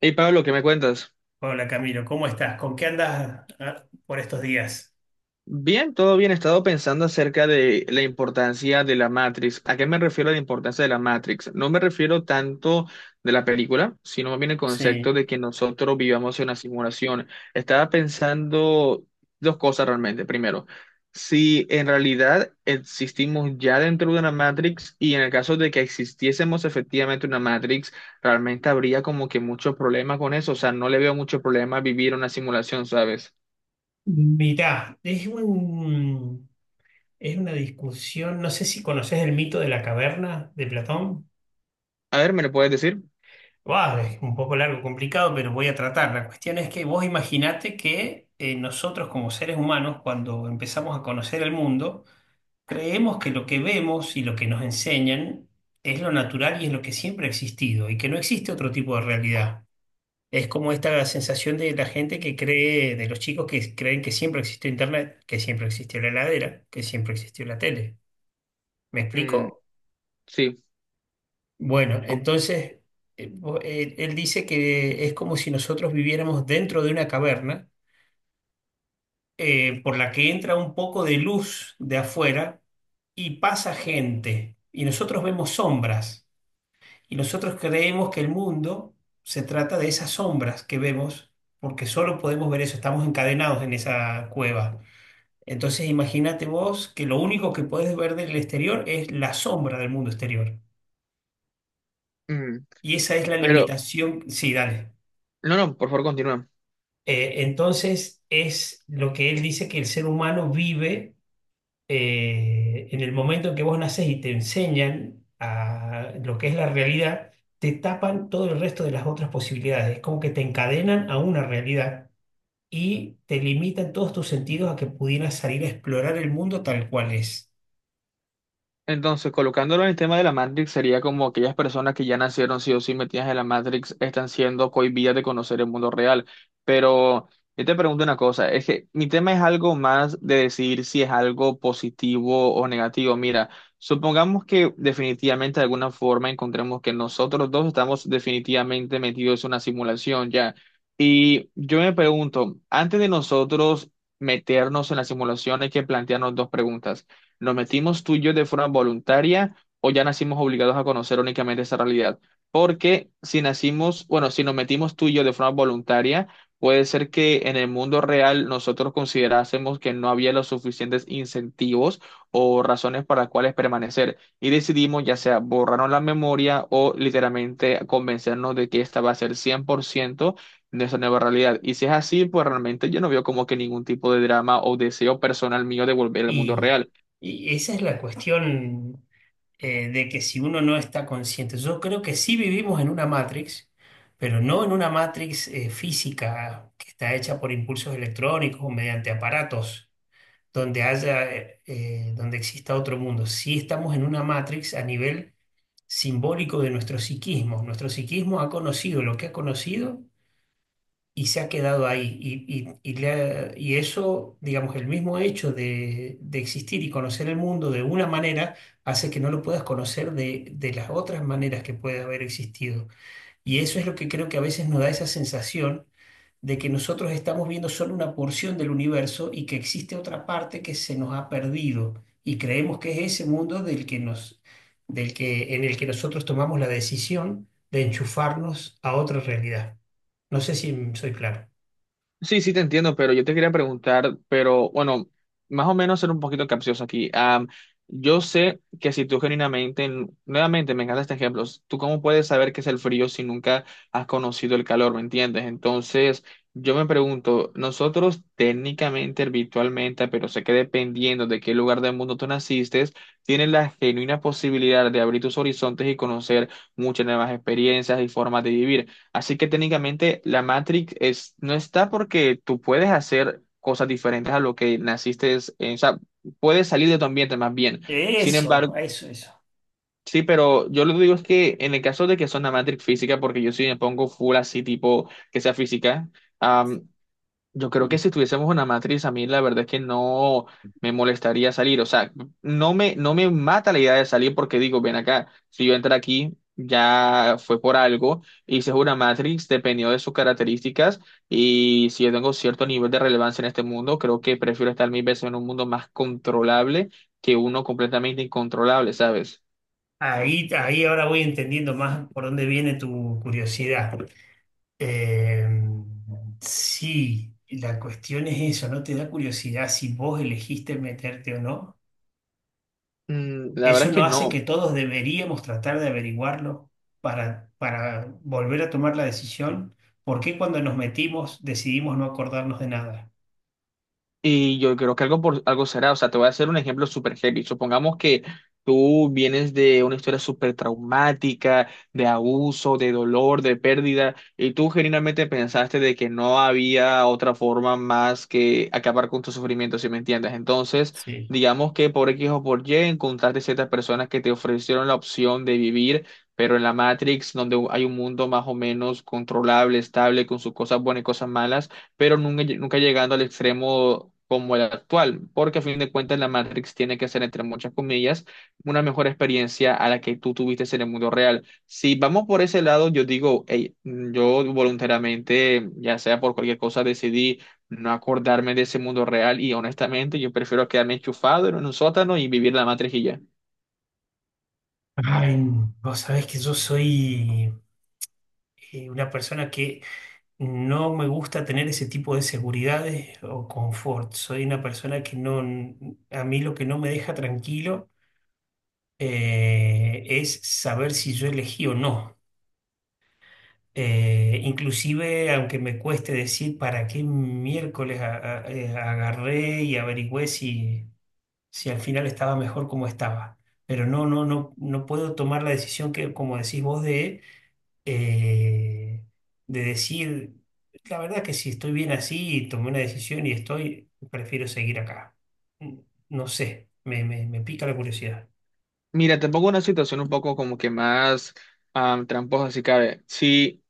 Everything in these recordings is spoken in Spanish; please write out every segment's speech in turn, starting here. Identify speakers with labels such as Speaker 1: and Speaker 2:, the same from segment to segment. Speaker 1: Hey Pablo, ¿qué me cuentas?
Speaker 2: Hola Camilo, ¿cómo estás? ¿Con qué andas por estos días?
Speaker 1: Bien, todo bien. He estado pensando acerca de la importancia de la Matrix. ¿A qué me refiero a la importancia de la Matrix? No me refiero tanto de la película, sino más bien el concepto
Speaker 2: Sí.
Speaker 1: de que nosotros vivamos en una simulación. Estaba pensando dos cosas realmente. Primero, si en realidad existimos ya dentro de una Matrix y en el caso de que existiésemos efectivamente una Matrix, realmente habría como que muchos problemas con eso. O sea, no le veo mucho problema a vivir una simulación, ¿sabes?
Speaker 2: Mirá, es una discusión, no sé si conoces el mito de la caverna de Platón.
Speaker 1: A ver, ¿me lo puedes decir?
Speaker 2: Buah, es un poco largo, complicado, pero voy a tratar. La cuestión es que vos imaginate que nosotros, como seres humanos, cuando empezamos a conocer el mundo, creemos que lo que vemos y lo que nos enseñan es lo natural y es lo que siempre ha existido y que no existe otro tipo de realidad. Es como esta sensación de la gente que cree, de los chicos que creen que siempre existió Internet, que siempre existió la heladera, que siempre existió la tele. ¿Me
Speaker 1: Mm,
Speaker 2: explico?
Speaker 1: sí.
Speaker 2: Bueno,
Speaker 1: O-
Speaker 2: entonces él dice que es como si nosotros viviéramos dentro de una caverna, por la que entra un poco de luz de afuera y pasa gente y nosotros vemos sombras. Y nosotros creemos que el mundo se trata de esas sombras que vemos, porque solo podemos ver eso, estamos encadenados en esa cueva. Entonces imagínate vos que lo único que podés ver del exterior es la sombra del mundo exterior.
Speaker 1: mm,
Speaker 2: Y esa es la
Speaker 1: pero,
Speaker 2: limitación. Sí, dale.
Speaker 1: no, no, por favor, continúa.
Speaker 2: Entonces es lo que él dice, que el ser humano vive en el momento en que vos nacés y te enseñan a lo que es la realidad, te tapan todo el resto de las otras posibilidades. Es como que te encadenan a una realidad y te limitan todos tus sentidos a que pudieras salir a explorar el mundo tal cual es.
Speaker 1: Entonces, colocándolo en el tema de la Matrix, sería como aquellas personas que ya nacieron sí o sí metidas en la Matrix están siendo cohibidas de conocer el mundo real. Pero yo te pregunto una cosa, es que mi tema es algo más de decir si es algo positivo o negativo. Mira, supongamos que definitivamente de alguna forma encontremos que nosotros dos estamos definitivamente metidos en una simulación ya. Y yo me pregunto, antes de nosotros meternos en la simulación hay que plantearnos dos preguntas. ¿Nos metimos tú y yo de forma voluntaria o ya nacimos obligados a conocer únicamente esa realidad? Porque si nacimos, bueno, si nos metimos tú y yo de forma voluntaria, puede ser que en el mundo real nosotros considerásemos que no había los suficientes incentivos o razones para las cuales permanecer y decidimos ya sea borrarnos la memoria o literalmente convencernos de que esta va a ser 100% de esa nueva realidad. Y si es así, pues realmente yo no veo como que ningún tipo de drama o deseo personal mío de volver al mundo
Speaker 2: Y,
Speaker 1: real.
Speaker 2: y esa es la cuestión, de que si uno no está consciente, yo creo que sí vivimos en una Matrix. Pero no en una Matrix física que está hecha por impulsos electrónicos o mediante aparatos donde haya, donde exista otro mundo. Sí estamos en una Matrix a nivel simbólico de nuestro psiquismo. Nuestro psiquismo ha conocido lo que ha conocido y se ha quedado ahí. Y eso, digamos, el mismo hecho de existir y conocer el mundo de una manera hace que no lo puedas conocer de las otras maneras que puede haber existido. Y eso es lo que creo que a veces nos da esa sensación de que nosotros estamos viendo solo una porción del universo y que existe otra parte que se nos ha perdido y creemos que es ese mundo del que, en el que nosotros tomamos la decisión de enchufarnos a otra realidad. No sé si soy claro.
Speaker 1: Sí, sí, te entiendo, pero yo te quería preguntar, pero bueno, más o menos ser un poquito capcioso aquí. Yo sé que si tú genuinamente, nuevamente me encanta este ejemplo, tú cómo puedes saber qué es el frío si nunca has conocido el calor, ¿me entiendes? Entonces, yo me pregunto, nosotros técnicamente, virtualmente, pero sé que dependiendo de qué lugar del mundo tú naciste, tienes la genuina posibilidad de abrir tus horizontes y conocer muchas nuevas experiencias y formas de vivir. Así que técnicamente la Matrix es, no está porque tú puedes hacer cosas diferentes a lo que naciste, o sea, puedes salir de tu ambiente más bien. Sin
Speaker 2: Eso,
Speaker 1: embargo,
Speaker 2: eso, eso.
Speaker 1: sí, pero yo lo que digo es que en el caso de que sea una Matrix física, porque yo sí me pongo full así tipo que sea física, yo creo que
Speaker 2: Sí.
Speaker 1: si tuviésemos una matriz, a mí la verdad es que no me molestaría salir. O sea, no me mata la idea de salir porque digo, ven acá, si yo entro aquí, ya fue por algo. Y si es una Matrix dependiendo de sus características y si yo tengo cierto nivel de relevancia en este mundo, creo que prefiero estar mil veces en un mundo más controlable que uno completamente incontrolable, ¿sabes?
Speaker 2: Ahí, ahí ahora voy entendiendo más por dónde viene tu curiosidad. Eh, sí, la cuestión es eso, ¿no te da curiosidad si vos elegiste meterte o no?
Speaker 1: Mm, la verdad
Speaker 2: Eso
Speaker 1: es que
Speaker 2: no hace que
Speaker 1: no.
Speaker 2: todos deberíamos tratar de averiguarlo para volver a tomar la decisión. ¿Por qué cuando nos metimos decidimos no acordarnos de nada?
Speaker 1: Y yo creo que algo, por, algo será, o sea, te voy a hacer un ejemplo súper heavy. Supongamos que tú vienes de una historia súper traumática, de abuso, de dolor, de pérdida, y tú genuinamente pensaste de que no había otra forma más que acabar con tu sufrimiento, si me entiendes. Entonces,
Speaker 2: Sí.
Speaker 1: digamos que por X o por Y encontraste ciertas personas que te ofrecieron la opción de vivir, pero en la Matrix, donde hay un mundo más o menos controlable, estable, con sus cosas buenas y cosas malas pero nunca, nunca llegando al extremo como el actual, porque a fin de cuentas la Matrix tiene que ser, entre muchas comillas, una mejor experiencia a la que tú tuviste en el mundo real. Si vamos por ese lado, yo digo, hey, yo voluntariamente, ya sea por cualquier cosa, decidí no acordarme de ese mundo real y honestamente yo prefiero quedarme enchufado en un sótano y vivir la Matrix y ya.
Speaker 2: Ay, vos sabés que yo soy una persona que no me gusta tener ese tipo de seguridades o confort. Soy una persona que no, a mí lo que no me deja tranquilo, es saber si yo elegí o no. Inclusive, aunque me cueste decir para qué miércoles agarré y averigüé si, si al final estaba mejor como estaba. Pero no, no, no, no puedo tomar la decisión que, como decís vos, eh, de decir, la verdad que si estoy bien así y tomé una decisión y estoy, prefiero seguir acá. No sé, me pica la curiosidad.
Speaker 1: Mira, te pongo una situación un poco como que más tramposa, si cabe. Si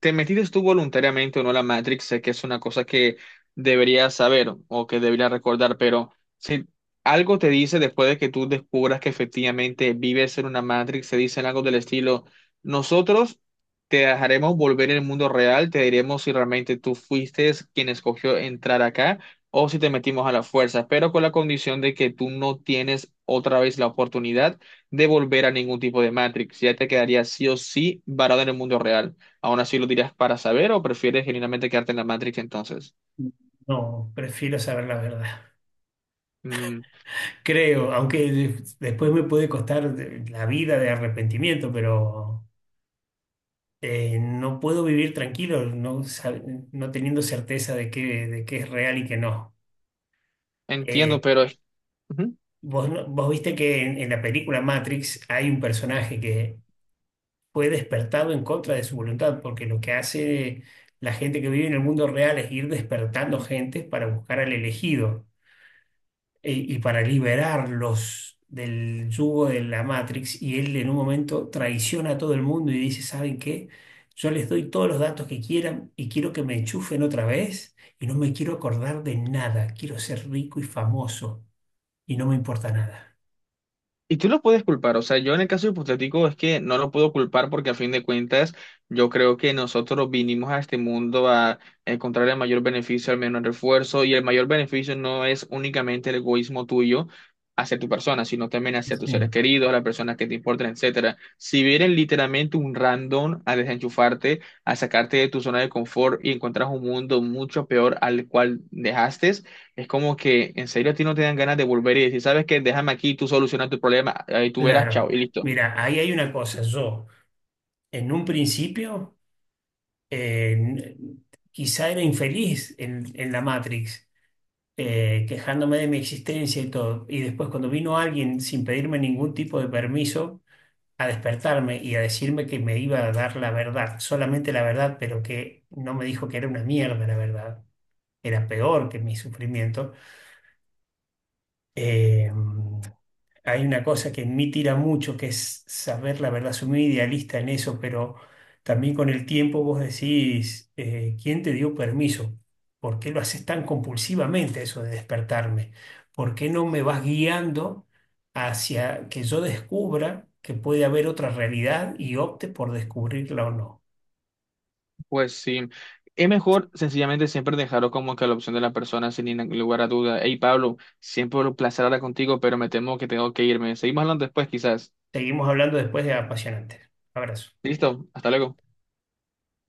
Speaker 1: te metiste tú voluntariamente o no a la Matrix, sé que es una cosa que deberías saber o que deberías recordar, pero si algo te dice después de que tú descubras que efectivamente vives en una Matrix, se dicen algo del estilo, nosotros te dejaremos volver al mundo real, te diremos si realmente tú fuiste quien escogió entrar acá o si te metimos a la fuerza, pero con la condición de que tú no tienes otra vez la oportunidad de volver a ningún tipo de Matrix. Ya te quedarías sí o sí varado en el mundo real. ¿Aún así lo dirías para saber o prefieres genuinamente quedarte en la Matrix entonces?
Speaker 2: No, prefiero saber la verdad.
Speaker 1: Mm,
Speaker 2: Creo, aunque después me puede costar la vida de arrepentimiento, pero no puedo vivir tranquilo, no, no teniendo certeza de que es real y que no.
Speaker 1: entiendo,
Speaker 2: Eh,
Speaker 1: pero es...
Speaker 2: Vos, vos viste que en la película Matrix hay un personaje que fue despertado en contra de su voluntad, porque lo que hace la gente que vive en el mundo real es ir despertando gente para buscar al elegido, y para liberarlos del yugo de la Matrix. Y él en un momento traiciona a todo el mundo y dice, ¿saben qué? Yo les doy todos los datos que quieran y quiero que me enchufen otra vez y no me quiero acordar de nada. Quiero ser rico y famoso y no me importa nada.
Speaker 1: Y tú lo puedes culpar, o sea, yo en el caso hipotético es que no lo puedo culpar porque a fin de cuentas yo creo que nosotros vinimos a este mundo a encontrar el mayor beneficio al menor esfuerzo y el mayor beneficio no es únicamente el egoísmo tuyo hacia tu persona, sino también hacia tus seres
Speaker 2: Sí.
Speaker 1: queridos, las personas que te importan, etcétera. Si vienen literalmente un random a desenchufarte, a sacarte de tu zona de confort y encuentras un mundo mucho peor al cual dejaste, es como que en serio a ti no te dan ganas de volver y decir, ¿sabes qué? Déjame aquí, tú solucionas tu problema, ahí tú verás, chao, y
Speaker 2: Claro.
Speaker 1: listo.
Speaker 2: Mira, ahí hay una cosa. Yo, en un principio, eh, n- quizá era infeliz en la Matrix, quejándome de mi existencia y todo. Y después cuando vino alguien sin pedirme ningún tipo de permiso a despertarme y a decirme que me iba a dar la verdad, solamente la verdad, pero que no me dijo que era una mierda la verdad, era peor que mi sufrimiento, eh, hay una cosa que en mí tira mucho, que es saber la verdad. Soy muy idealista en eso, pero también con el tiempo vos decís, ¿quién te dio permiso? ¿Por qué lo haces tan compulsivamente eso de despertarme? ¿Por qué no me vas guiando hacia que yo descubra que puede haber otra realidad y opte por descubrirla o no?
Speaker 1: Pues sí, es mejor sencillamente siempre dejarlo como que a la opción de la persona sin ningún lugar a duda. Hey, Pablo, siempre un placer hablar contigo, pero me temo que tengo que irme. Seguimos hablando después, quizás.
Speaker 2: Seguimos hablando después de apasionantes. Abrazo.
Speaker 1: Listo, hasta luego.